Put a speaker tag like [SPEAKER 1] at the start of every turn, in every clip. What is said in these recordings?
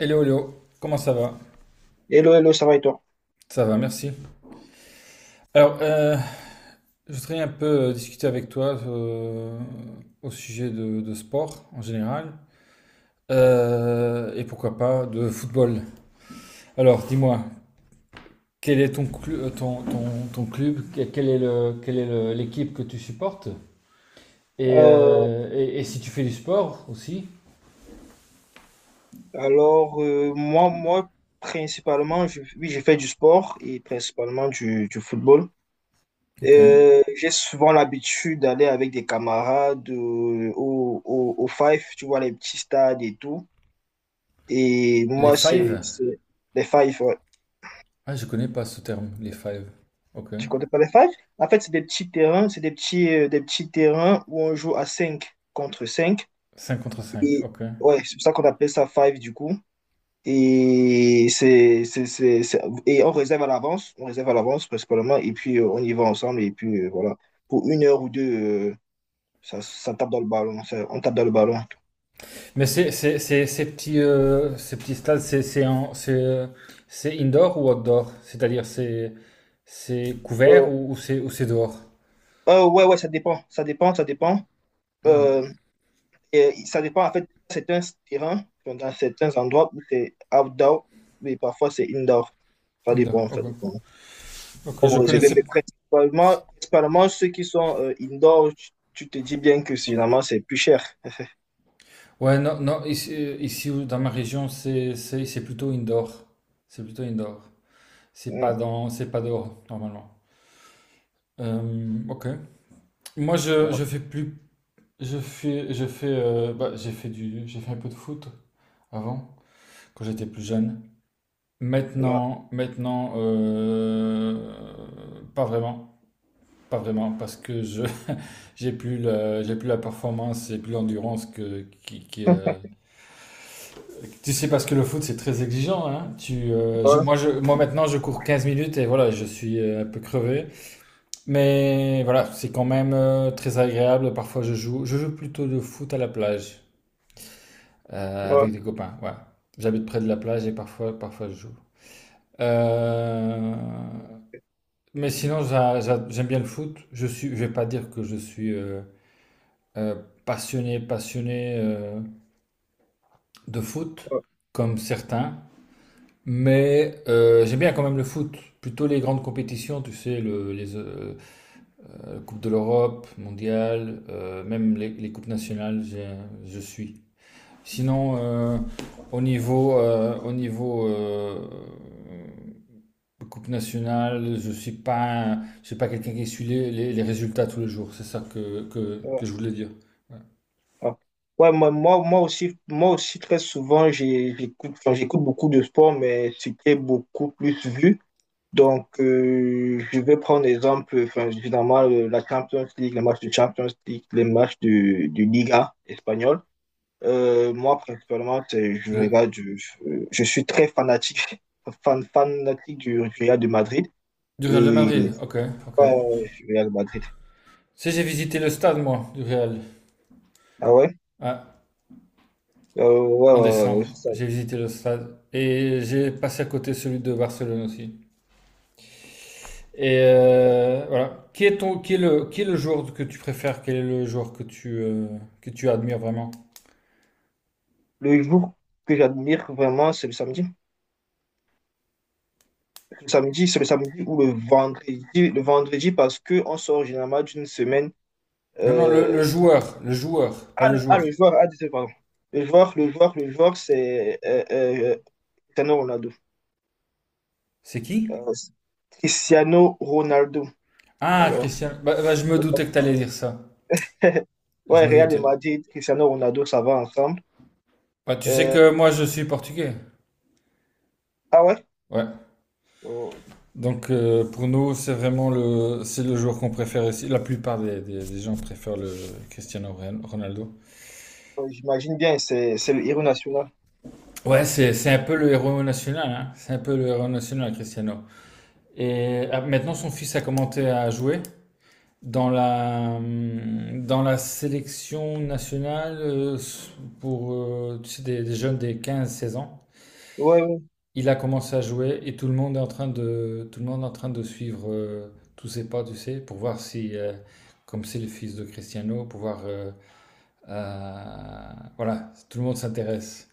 [SPEAKER 1] Hello, comment ça va?
[SPEAKER 2] Hello, hello, ça va et toi?
[SPEAKER 1] Ça va, merci. Alors, je voudrais un peu discuter avec toi, au sujet de sport en général, et pourquoi pas de football. Alors, dis-moi, quel est ton club? Quelle est l'équipe que tu supportes? Et,
[SPEAKER 2] Euh,
[SPEAKER 1] euh, et, et si tu fais du sport aussi?
[SPEAKER 2] alors, principalement, oui, j'ai fait du sport et principalement du football.
[SPEAKER 1] Ok.
[SPEAKER 2] J'ai souvent l'habitude d'aller avec des camarades au Five, tu vois, les petits stades et tout. Et
[SPEAKER 1] Les
[SPEAKER 2] moi,
[SPEAKER 1] five?
[SPEAKER 2] c'est les Five, ouais.
[SPEAKER 1] Ah, je connais pas ce terme, les five. Ok.
[SPEAKER 2] Tu connais pas les Five? En fait, c'est des petits terrains, c'est des petits terrains où on joue à 5 contre cinq.
[SPEAKER 1] 5 contre 5.
[SPEAKER 2] Et
[SPEAKER 1] Ok.
[SPEAKER 2] ouais, c'est pour ça qu'on appelle ça Five du coup. Et et on réserve à l'avance, on réserve à l'avance principalement, et puis on y va ensemble, et puis voilà. Pour une heure ou deux, euh, ça tape dans le ballon, ça- on tape dans le ballon.
[SPEAKER 1] Mais ces petits stades, c'est indoor ou outdoor? C'est-à-dire, c'est couvert
[SPEAKER 2] Euh,
[SPEAKER 1] ou, c'est dehors?
[SPEAKER 2] ouais, ouais, ça dépend, ça dépend, ça dépend.
[SPEAKER 1] Mhm.
[SPEAKER 2] Euh, et ça dépend, en fait, certains terrains, enfin, dans certains endroits où c'est outdoor, mais parfois c'est indoor. Ça
[SPEAKER 1] Indoor,
[SPEAKER 2] dépend, ça
[SPEAKER 1] ok.
[SPEAKER 2] dépend.
[SPEAKER 1] Ok, je
[SPEAKER 2] Comme réservé,
[SPEAKER 1] connaissais.
[SPEAKER 2] mais principalement, principalement ceux qui sont indoor, tu te dis bien que finalement c'est plus cher.
[SPEAKER 1] Ouais, non, non, ici, dans ma région, c'est plutôt indoor. C'est plutôt indoor.
[SPEAKER 2] Mm.
[SPEAKER 1] C'est pas dehors, normalement. Ok. Moi, je fais plus, bah, j'ai fait un peu de foot avant, quand j'étais plus jeune.
[SPEAKER 2] Ouais,
[SPEAKER 1] Maintenant, pas vraiment, pas vraiment, parce que je j'ai plus la performance, j'ai plus l'endurance. Tu sais parce que le foot c'est très exigeant, hein. Tu,
[SPEAKER 2] ouais,
[SPEAKER 1] je, moi maintenant je cours 15 minutes et voilà, je suis, un peu crevé, mais voilà, c'est quand même, très agréable. Parfois je joue plutôt de foot à la plage,
[SPEAKER 2] ouais,
[SPEAKER 1] avec des copains. Ouais, j'habite près de la plage et parfois je joue. Euh, Mais sinon, j'aime bien le foot. Je suis, je vais pas dire que je suis, euh, passionné de foot,
[SPEAKER 2] ouais,
[SPEAKER 1] comme certains. Mais j'aime bien quand même le foot. Plutôt les grandes compétitions, tu sais, les Coupe de l'Europe, Mondiale, même les Coupes nationales, je suis. Sinon, au niveau, Coupe nationale, je suis pas quelqu'un qui suit les résultats tous les jours. C'est ça que, que,
[SPEAKER 2] ouais,
[SPEAKER 1] que je voulais dire. Ouais.
[SPEAKER 2] ouais. Ouais, moi aussi, très souvent, j'écoute, enfin, j'écoute beaucoup de sport, mais c'était beaucoup plus vu. Donc, je vais prendre exemple, enfin, évidemment, la Champions League, les matchs de Champions League, les matchs de Liga espagnole. Moi, principalement, je regarde,
[SPEAKER 1] Le,
[SPEAKER 2] je suis très fanatique du Real de Madrid.
[SPEAKER 1] du Real de
[SPEAKER 2] Et, ouais,
[SPEAKER 1] Madrid, ok, ok.
[SPEAKER 2] ouais, ouais, je suis Real de Madrid.
[SPEAKER 1] Si j'ai visité le stade, moi, du Real.
[SPEAKER 2] Ah ouais?
[SPEAKER 1] Ah,
[SPEAKER 2] Ouais,
[SPEAKER 1] en
[SPEAKER 2] ouais, ouais,
[SPEAKER 1] décembre,
[SPEAKER 2] ouais.
[SPEAKER 1] j'ai visité le stade et j'ai passé à côté celui de Barcelone aussi. Et voilà. Qui est le joueur que tu préfères? Quel est le joueur que tu admires vraiment?
[SPEAKER 2] Le jour que j'admire vraiment, c'est le samedi. Le samedi, c'est le samedi ou le vendredi. Le vendredi, parce qu'on sort généralement d'une semaine.
[SPEAKER 1] Non, non,
[SPEAKER 2] euh,
[SPEAKER 1] le joueur, pas le
[SPEAKER 2] Ah,
[SPEAKER 1] jour.
[SPEAKER 2] le joueur, ah, désolé, pardon. Le joueur, c'est Cristiano Ronaldo.
[SPEAKER 1] C'est qui?
[SPEAKER 2] Euh, Cristiano Ronaldo.
[SPEAKER 1] Ah,
[SPEAKER 2] Alors,
[SPEAKER 1] Christian, bah, bah, je me doutais que t'allais dire ça. Je
[SPEAKER 2] ouais,
[SPEAKER 1] me
[SPEAKER 2] Real de
[SPEAKER 1] doutais.
[SPEAKER 2] Madrid, Cristiano Ronaldo, ça va ensemble.
[SPEAKER 1] Bah, tu sais
[SPEAKER 2] Euh,
[SPEAKER 1] que moi, je suis portugais.
[SPEAKER 2] ah ouais?
[SPEAKER 1] Ouais.
[SPEAKER 2] Oh,
[SPEAKER 1] Donc, pour nous, c'est le joueur qu'on préfère ici. La plupart des gens préfèrent le Ronaldo.
[SPEAKER 2] oh, j'imagine bien, c'est le héros national.
[SPEAKER 1] Ouais, c'est un peu le héros national, hein. C'est un peu le héros national, Cristiano. Et ah, maintenant, son fils a commencé à jouer dans dans la sélection nationale, pour tu sais, des jeunes des 15, 16 ans.
[SPEAKER 2] Ouais, ouais.
[SPEAKER 1] Il a commencé à jouer et tout le monde est en train de suivre, tous ses pas, tu sais, pour voir si, comme c'est le fils de Cristiano, pour voir, voilà, tout le monde s'intéresse.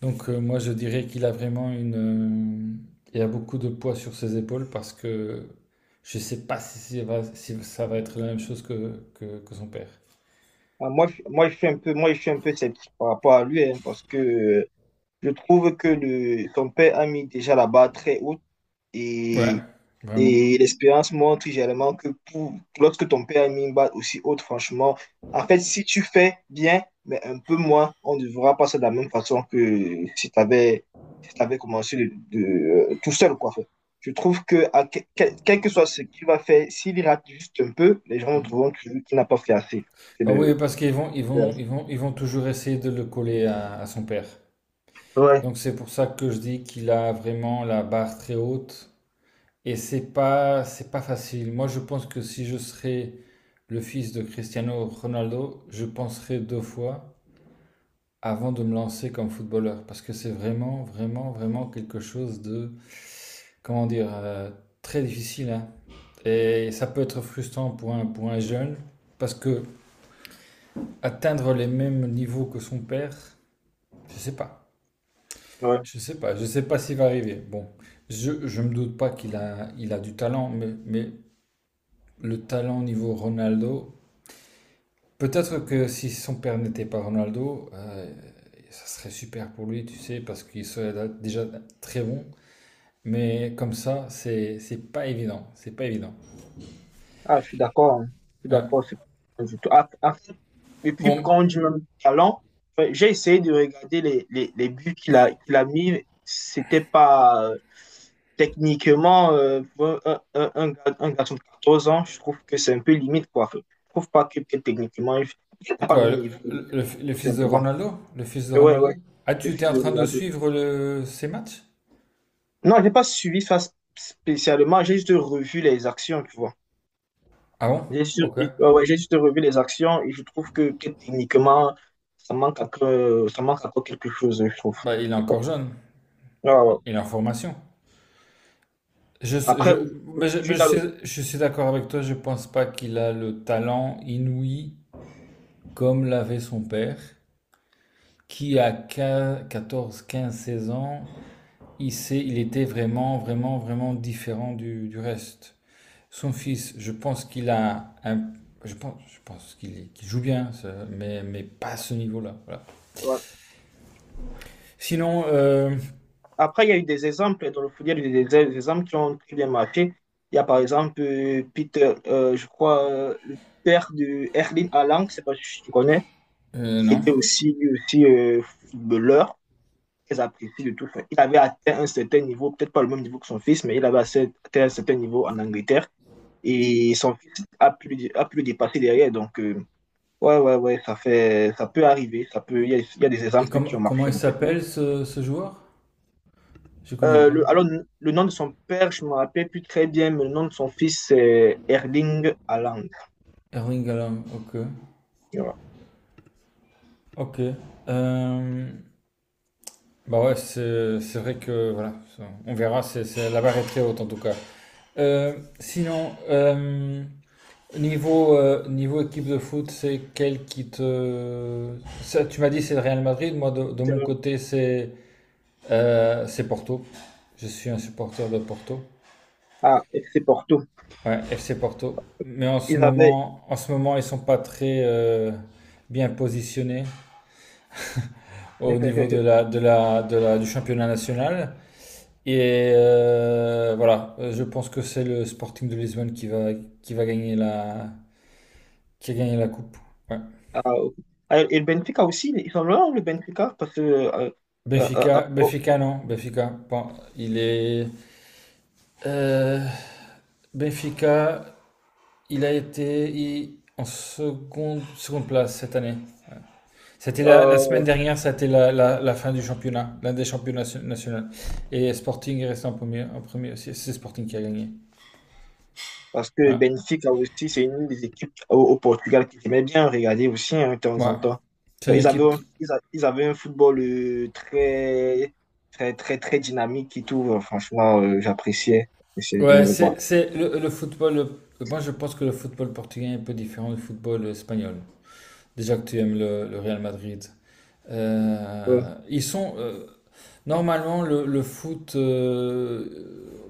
[SPEAKER 1] Donc, moi je dirais qu'il a vraiment une, il a beaucoup de poids sur ses épaules parce que je sais pas si, si ça va être la même chose que, que son père.
[SPEAKER 2] Ah, je suis un peu sceptique par rapport à lui, hein, parce que je trouve que le, son père a mis déjà la barre très haute,
[SPEAKER 1] Ouais,
[SPEAKER 2] et,
[SPEAKER 1] vraiment.
[SPEAKER 2] et l'expérience montre également que pour, lorsque ton père a mis une barre aussi haute, franchement, en fait, si tu fais bien, mais un peu moins, on ne verra pas ça de la même façon que si tu avais, si t'avais commencé tout seul, quoi. Je trouve que, quel que soit ce qu'il va faire, s'il rate juste un peu, les gens
[SPEAKER 1] Mm.
[SPEAKER 2] trouveront toujours qu'il n'a pas fait assez. C'est
[SPEAKER 1] Bah oui,
[SPEAKER 2] le,
[SPEAKER 1] parce qu'ils vont, ils vont toujours essayer de le coller à son père.
[SPEAKER 2] ouais,
[SPEAKER 1] Donc c'est pour ça que je dis qu'il a vraiment la barre très haute et c'est pas facile. Moi je pense que si je serais le fils de Cristiano Ronaldo, je penserais deux fois avant de me lancer comme footballeur parce que c'est vraiment, vraiment, vraiment quelque chose de, comment dire, très difficile, hein. Et ça peut être frustrant pour un jeune, parce que atteindre les mêmes niveaux que son père, je sais pas.
[SPEAKER 2] ouais.
[SPEAKER 1] Je sais pas, je sais pas s'il va arriver. Bon, je me doute pas qu'il a, il a du talent, mais le talent au niveau Ronaldo, peut-être que si son père n'était pas Ronaldo, ça serait super pour lui, tu sais, parce qu'il serait déjà très bon. Mais comme ça, c'est pas évident, c'est pas évident.
[SPEAKER 2] Ah, je suis d'accord, hein. Je suis
[SPEAKER 1] Ouais.
[SPEAKER 2] d'accord. C'est pas du tout. Ah, ah, depuis
[SPEAKER 1] Bon,
[SPEAKER 2] quand on dit même talent, enfin, j'ai essayé de regarder les buts qu'il a mis. C'était pas techniquement pour un garçon de 14 ans. Je trouve que c'est un peu limite, quoi. Je trouve pas que, que techniquement, il n'a pas le
[SPEAKER 1] quoi,
[SPEAKER 2] même niveau,
[SPEAKER 1] le
[SPEAKER 2] tout
[SPEAKER 1] fils de
[SPEAKER 2] simplement.
[SPEAKER 1] Ronaldo? Le fils de
[SPEAKER 2] Mais ouais,
[SPEAKER 1] Ronaldo?
[SPEAKER 2] ouais.
[SPEAKER 1] Ah, tu
[SPEAKER 2] Je
[SPEAKER 1] étais
[SPEAKER 2] suis
[SPEAKER 1] en
[SPEAKER 2] de
[SPEAKER 1] train de
[SPEAKER 2] regarder.
[SPEAKER 1] suivre le, ses matchs?
[SPEAKER 2] Non, j'ai pas suivi ça spécialement. J'ai juste revu les actions, tu vois.
[SPEAKER 1] Ah bon? Ok.
[SPEAKER 2] Ouais, ouais, j'ai juste revu les actions et je trouve que techniquement, ça manque encore quelque chose, je trouve.
[SPEAKER 1] Bah, il est
[SPEAKER 2] Je sais pas.
[SPEAKER 1] encore jeune,
[SPEAKER 2] Ouais, ouais.
[SPEAKER 1] il est en formation. Je,
[SPEAKER 2] Après,
[SPEAKER 1] je,
[SPEAKER 2] au-
[SPEAKER 1] mais je, mais
[SPEAKER 2] aujourd'hui,
[SPEAKER 1] je suis d'accord avec toi, je pense pas qu'il a le talent inouï comme l'avait son père, qui à 15, 14, 15, 16 ans, il sait, il était vraiment, vraiment, vraiment différent du reste. Son fils, je pense qu'il a un, je pense qu'il joue bien, ça, mais pas à ce niveau-là. Voilà.
[SPEAKER 2] ouais.
[SPEAKER 1] Sinon,
[SPEAKER 2] Après, il y a eu des exemples dans le foot, il y a eu des exemples qui ont très bien marché. Il y a par exemple Peter, je crois, le père de Erling Haaland, je sais pas si tu connais, qui
[SPEAKER 1] non.
[SPEAKER 2] était aussi, lui aussi footballeur, très apprécié de tout. Enfin, il avait atteint un certain niveau, peut-être pas le même niveau que son fils, mais il avait atteint un certain niveau en Angleterre, et son fils a pu, a pu le dépasser derrière. Donc, ouais, ouais, ouais, ça peut arriver. Ça peut, il y a des
[SPEAKER 1] Et
[SPEAKER 2] exemples qui ont
[SPEAKER 1] comment
[SPEAKER 2] marché,
[SPEAKER 1] il
[SPEAKER 2] en fait.
[SPEAKER 1] s'appelle ce joueur? Je connais pas.
[SPEAKER 2] Alors, le nom de son père, je me rappelle plus très bien, mais le nom de son fils, c'est Erling Haaland.
[SPEAKER 1] Erling Haaland, ok.
[SPEAKER 2] Tu vois.
[SPEAKER 1] Ok. Euh, bah ouais, c'est vrai que voilà, on verra. La barre est très haute en tout cas. Sinon, niveau niveau équipe de foot, c'est quelle qui te ça, tu m'as dit c'est le Real Madrid. Moi de
[SPEAKER 2] C'est
[SPEAKER 1] mon
[SPEAKER 2] le-
[SPEAKER 1] côté c'est, c'est Porto. Je suis un supporter de Porto.
[SPEAKER 2] Ah, c'est Porto.
[SPEAKER 1] Ouais, FC Porto. Mais
[SPEAKER 2] Ils avaient.
[SPEAKER 1] en ce moment, ils sont pas très, bien positionnés au niveau du championnat national. Et voilà. Je pense que c'est le Sporting de Lisbonne qui va gagner la, qui a gagné la coupe. Ouais.
[SPEAKER 2] Ah, ok. Ah, et le Benfica aussi, ils sont là, le Benfica, parce que.
[SPEAKER 1] Benfica,
[SPEAKER 2] Oh,
[SPEAKER 1] Benfica non, Benfica. Bon, il est, euh, Benfica, il a été en seconde place cette année. C'était la semaine
[SPEAKER 2] euh,
[SPEAKER 1] dernière, c'était la fin du championnat, l'un des championnats nationaux. Et Sporting est resté en premier aussi. C'est Sporting qui a gagné.
[SPEAKER 2] parce que
[SPEAKER 1] Voilà.
[SPEAKER 2] Benfica aussi, c'est une des équipes au, au Portugal que j'aimais bien regarder aussi hein, de temps
[SPEAKER 1] Ouais.
[SPEAKER 2] en temps.
[SPEAKER 1] C'est
[SPEAKER 2] Enfin,
[SPEAKER 1] une
[SPEAKER 2] ils avaient
[SPEAKER 1] équipe.
[SPEAKER 2] un, ils avaient un football très dynamique et tout. Franchement, j'appréciais. J'appréciais bien
[SPEAKER 1] Ouais,
[SPEAKER 2] le voir.
[SPEAKER 1] le football. Moi, je pense que le football portugais est un peu différent du football espagnol. Déjà que tu aimes le Real Madrid.
[SPEAKER 2] Euh,
[SPEAKER 1] Ils sont, le foot,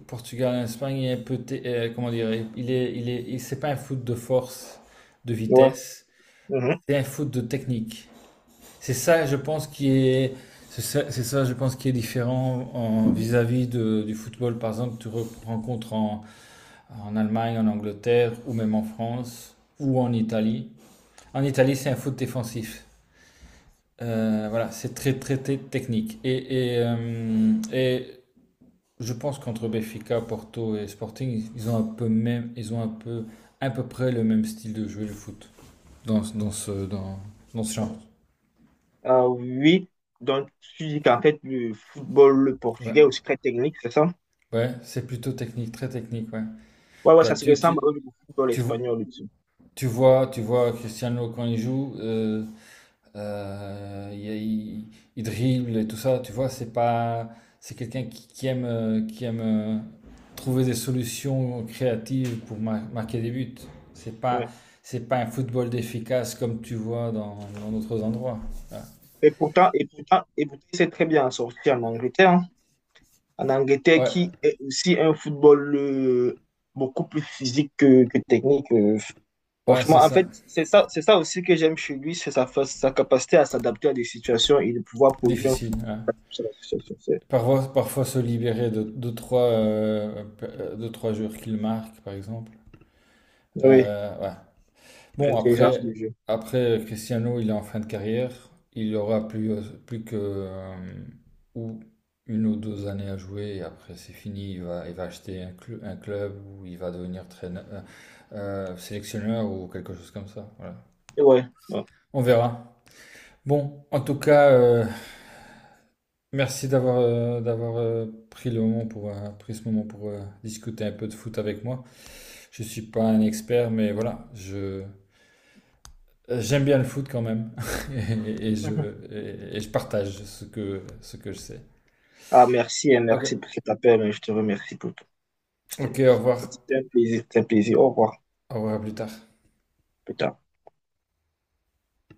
[SPEAKER 1] Portugal-Espagne est un peu. Comment dire? C'est pas un foot de force, de
[SPEAKER 2] ouais.
[SPEAKER 1] vitesse.
[SPEAKER 2] Mhm.
[SPEAKER 1] C'est un foot de technique. C'est ça, je pense, qui est. C'est ça, je pense, qui est différent en, vis-à-vis du football, par exemple, que tu rencontres en en Allemagne, en Angleterre, ou même en France, ou en Italie. En Italie, c'est un foot défensif. Voilà, c'est très, très, très technique. Et je pense qu'entre Benfica, Porto et Sporting, ils ont un peu, à peu près le même style de jouer le foot dans, dans ce, dans, dans ce genre.
[SPEAKER 2] Ah oui. Donc, tu dis qu'en fait, le football
[SPEAKER 1] Ouais,
[SPEAKER 2] portugais est aussi très technique, c'est ça?
[SPEAKER 1] ouais, c'est plutôt technique, très technique. Ouais.
[SPEAKER 2] Ouais, ouais,
[SPEAKER 1] Toi,
[SPEAKER 2] ça se
[SPEAKER 1] tu,
[SPEAKER 2] ressemble
[SPEAKER 1] tu,
[SPEAKER 2] au football
[SPEAKER 1] tu,
[SPEAKER 2] espagnol aussi.
[SPEAKER 1] tu vois Cristiano quand il joue. Il dribble et tout ça, tu vois, c'est pas, c'est quelqu'un qui aime, qui aime, trouver des solutions créatives pour marquer des buts. C'est pas,
[SPEAKER 2] Ouais.
[SPEAKER 1] c'est pas un football d'efficace comme tu vois dans d'autres endroits. Ah.
[SPEAKER 2] Et pourtant, c'est très bien sorti en Angleterre, hein. En Angleterre,
[SPEAKER 1] Ouais,
[SPEAKER 2] qui est aussi un football beaucoup plus physique que technique.
[SPEAKER 1] ouais, c'est
[SPEAKER 2] Franchement, en
[SPEAKER 1] ça.
[SPEAKER 2] fait, c'est ça aussi que j'aime chez lui, c'est sa capacité à s'adapter à des situations et de pouvoir produire un
[SPEAKER 1] Difficile,
[SPEAKER 2] football
[SPEAKER 1] ouais.
[SPEAKER 2] sur la situation.
[SPEAKER 1] Parfois, parfois se libérer de deux trois, deux, trois joueurs qu'il marque, par exemple.
[SPEAKER 2] Oui,
[SPEAKER 1] Ouais. Bon,
[SPEAKER 2] l'intelligence
[SPEAKER 1] après,
[SPEAKER 2] du jeu.
[SPEAKER 1] après Cristiano, il est en fin de carrière. Il aura plus, plus que ou une ou deux années à jouer. Et après, c'est fini. Il va acheter un, un club ou il va devenir traîneur, sélectionneur ou quelque chose comme ça. Voilà.
[SPEAKER 2] Et ouais, ouais.
[SPEAKER 1] On verra. Bon, en tout cas, merci d'avoir, pris ce moment pour, discuter un peu de foot avec moi. Je suis pas un expert, mais voilà, je. J'aime bien le foot quand même. et, et je,
[SPEAKER 2] Mhm.
[SPEAKER 1] et je partage ce ce que je sais.
[SPEAKER 2] Ah, merci, et
[SPEAKER 1] Ok,
[SPEAKER 2] merci pour cet appel. Hein, je te remercie pour tout.
[SPEAKER 1] ok,
[SPEAKER 2] C'était
[SPEAKER 1] au revoir.
[SPEAKER 2] C'était un plaisir, c'était un plaisir. Au revoir.
[SPEAKER 1] Au revoir, à plus tard.
[SPEAKER 2] Plus tard.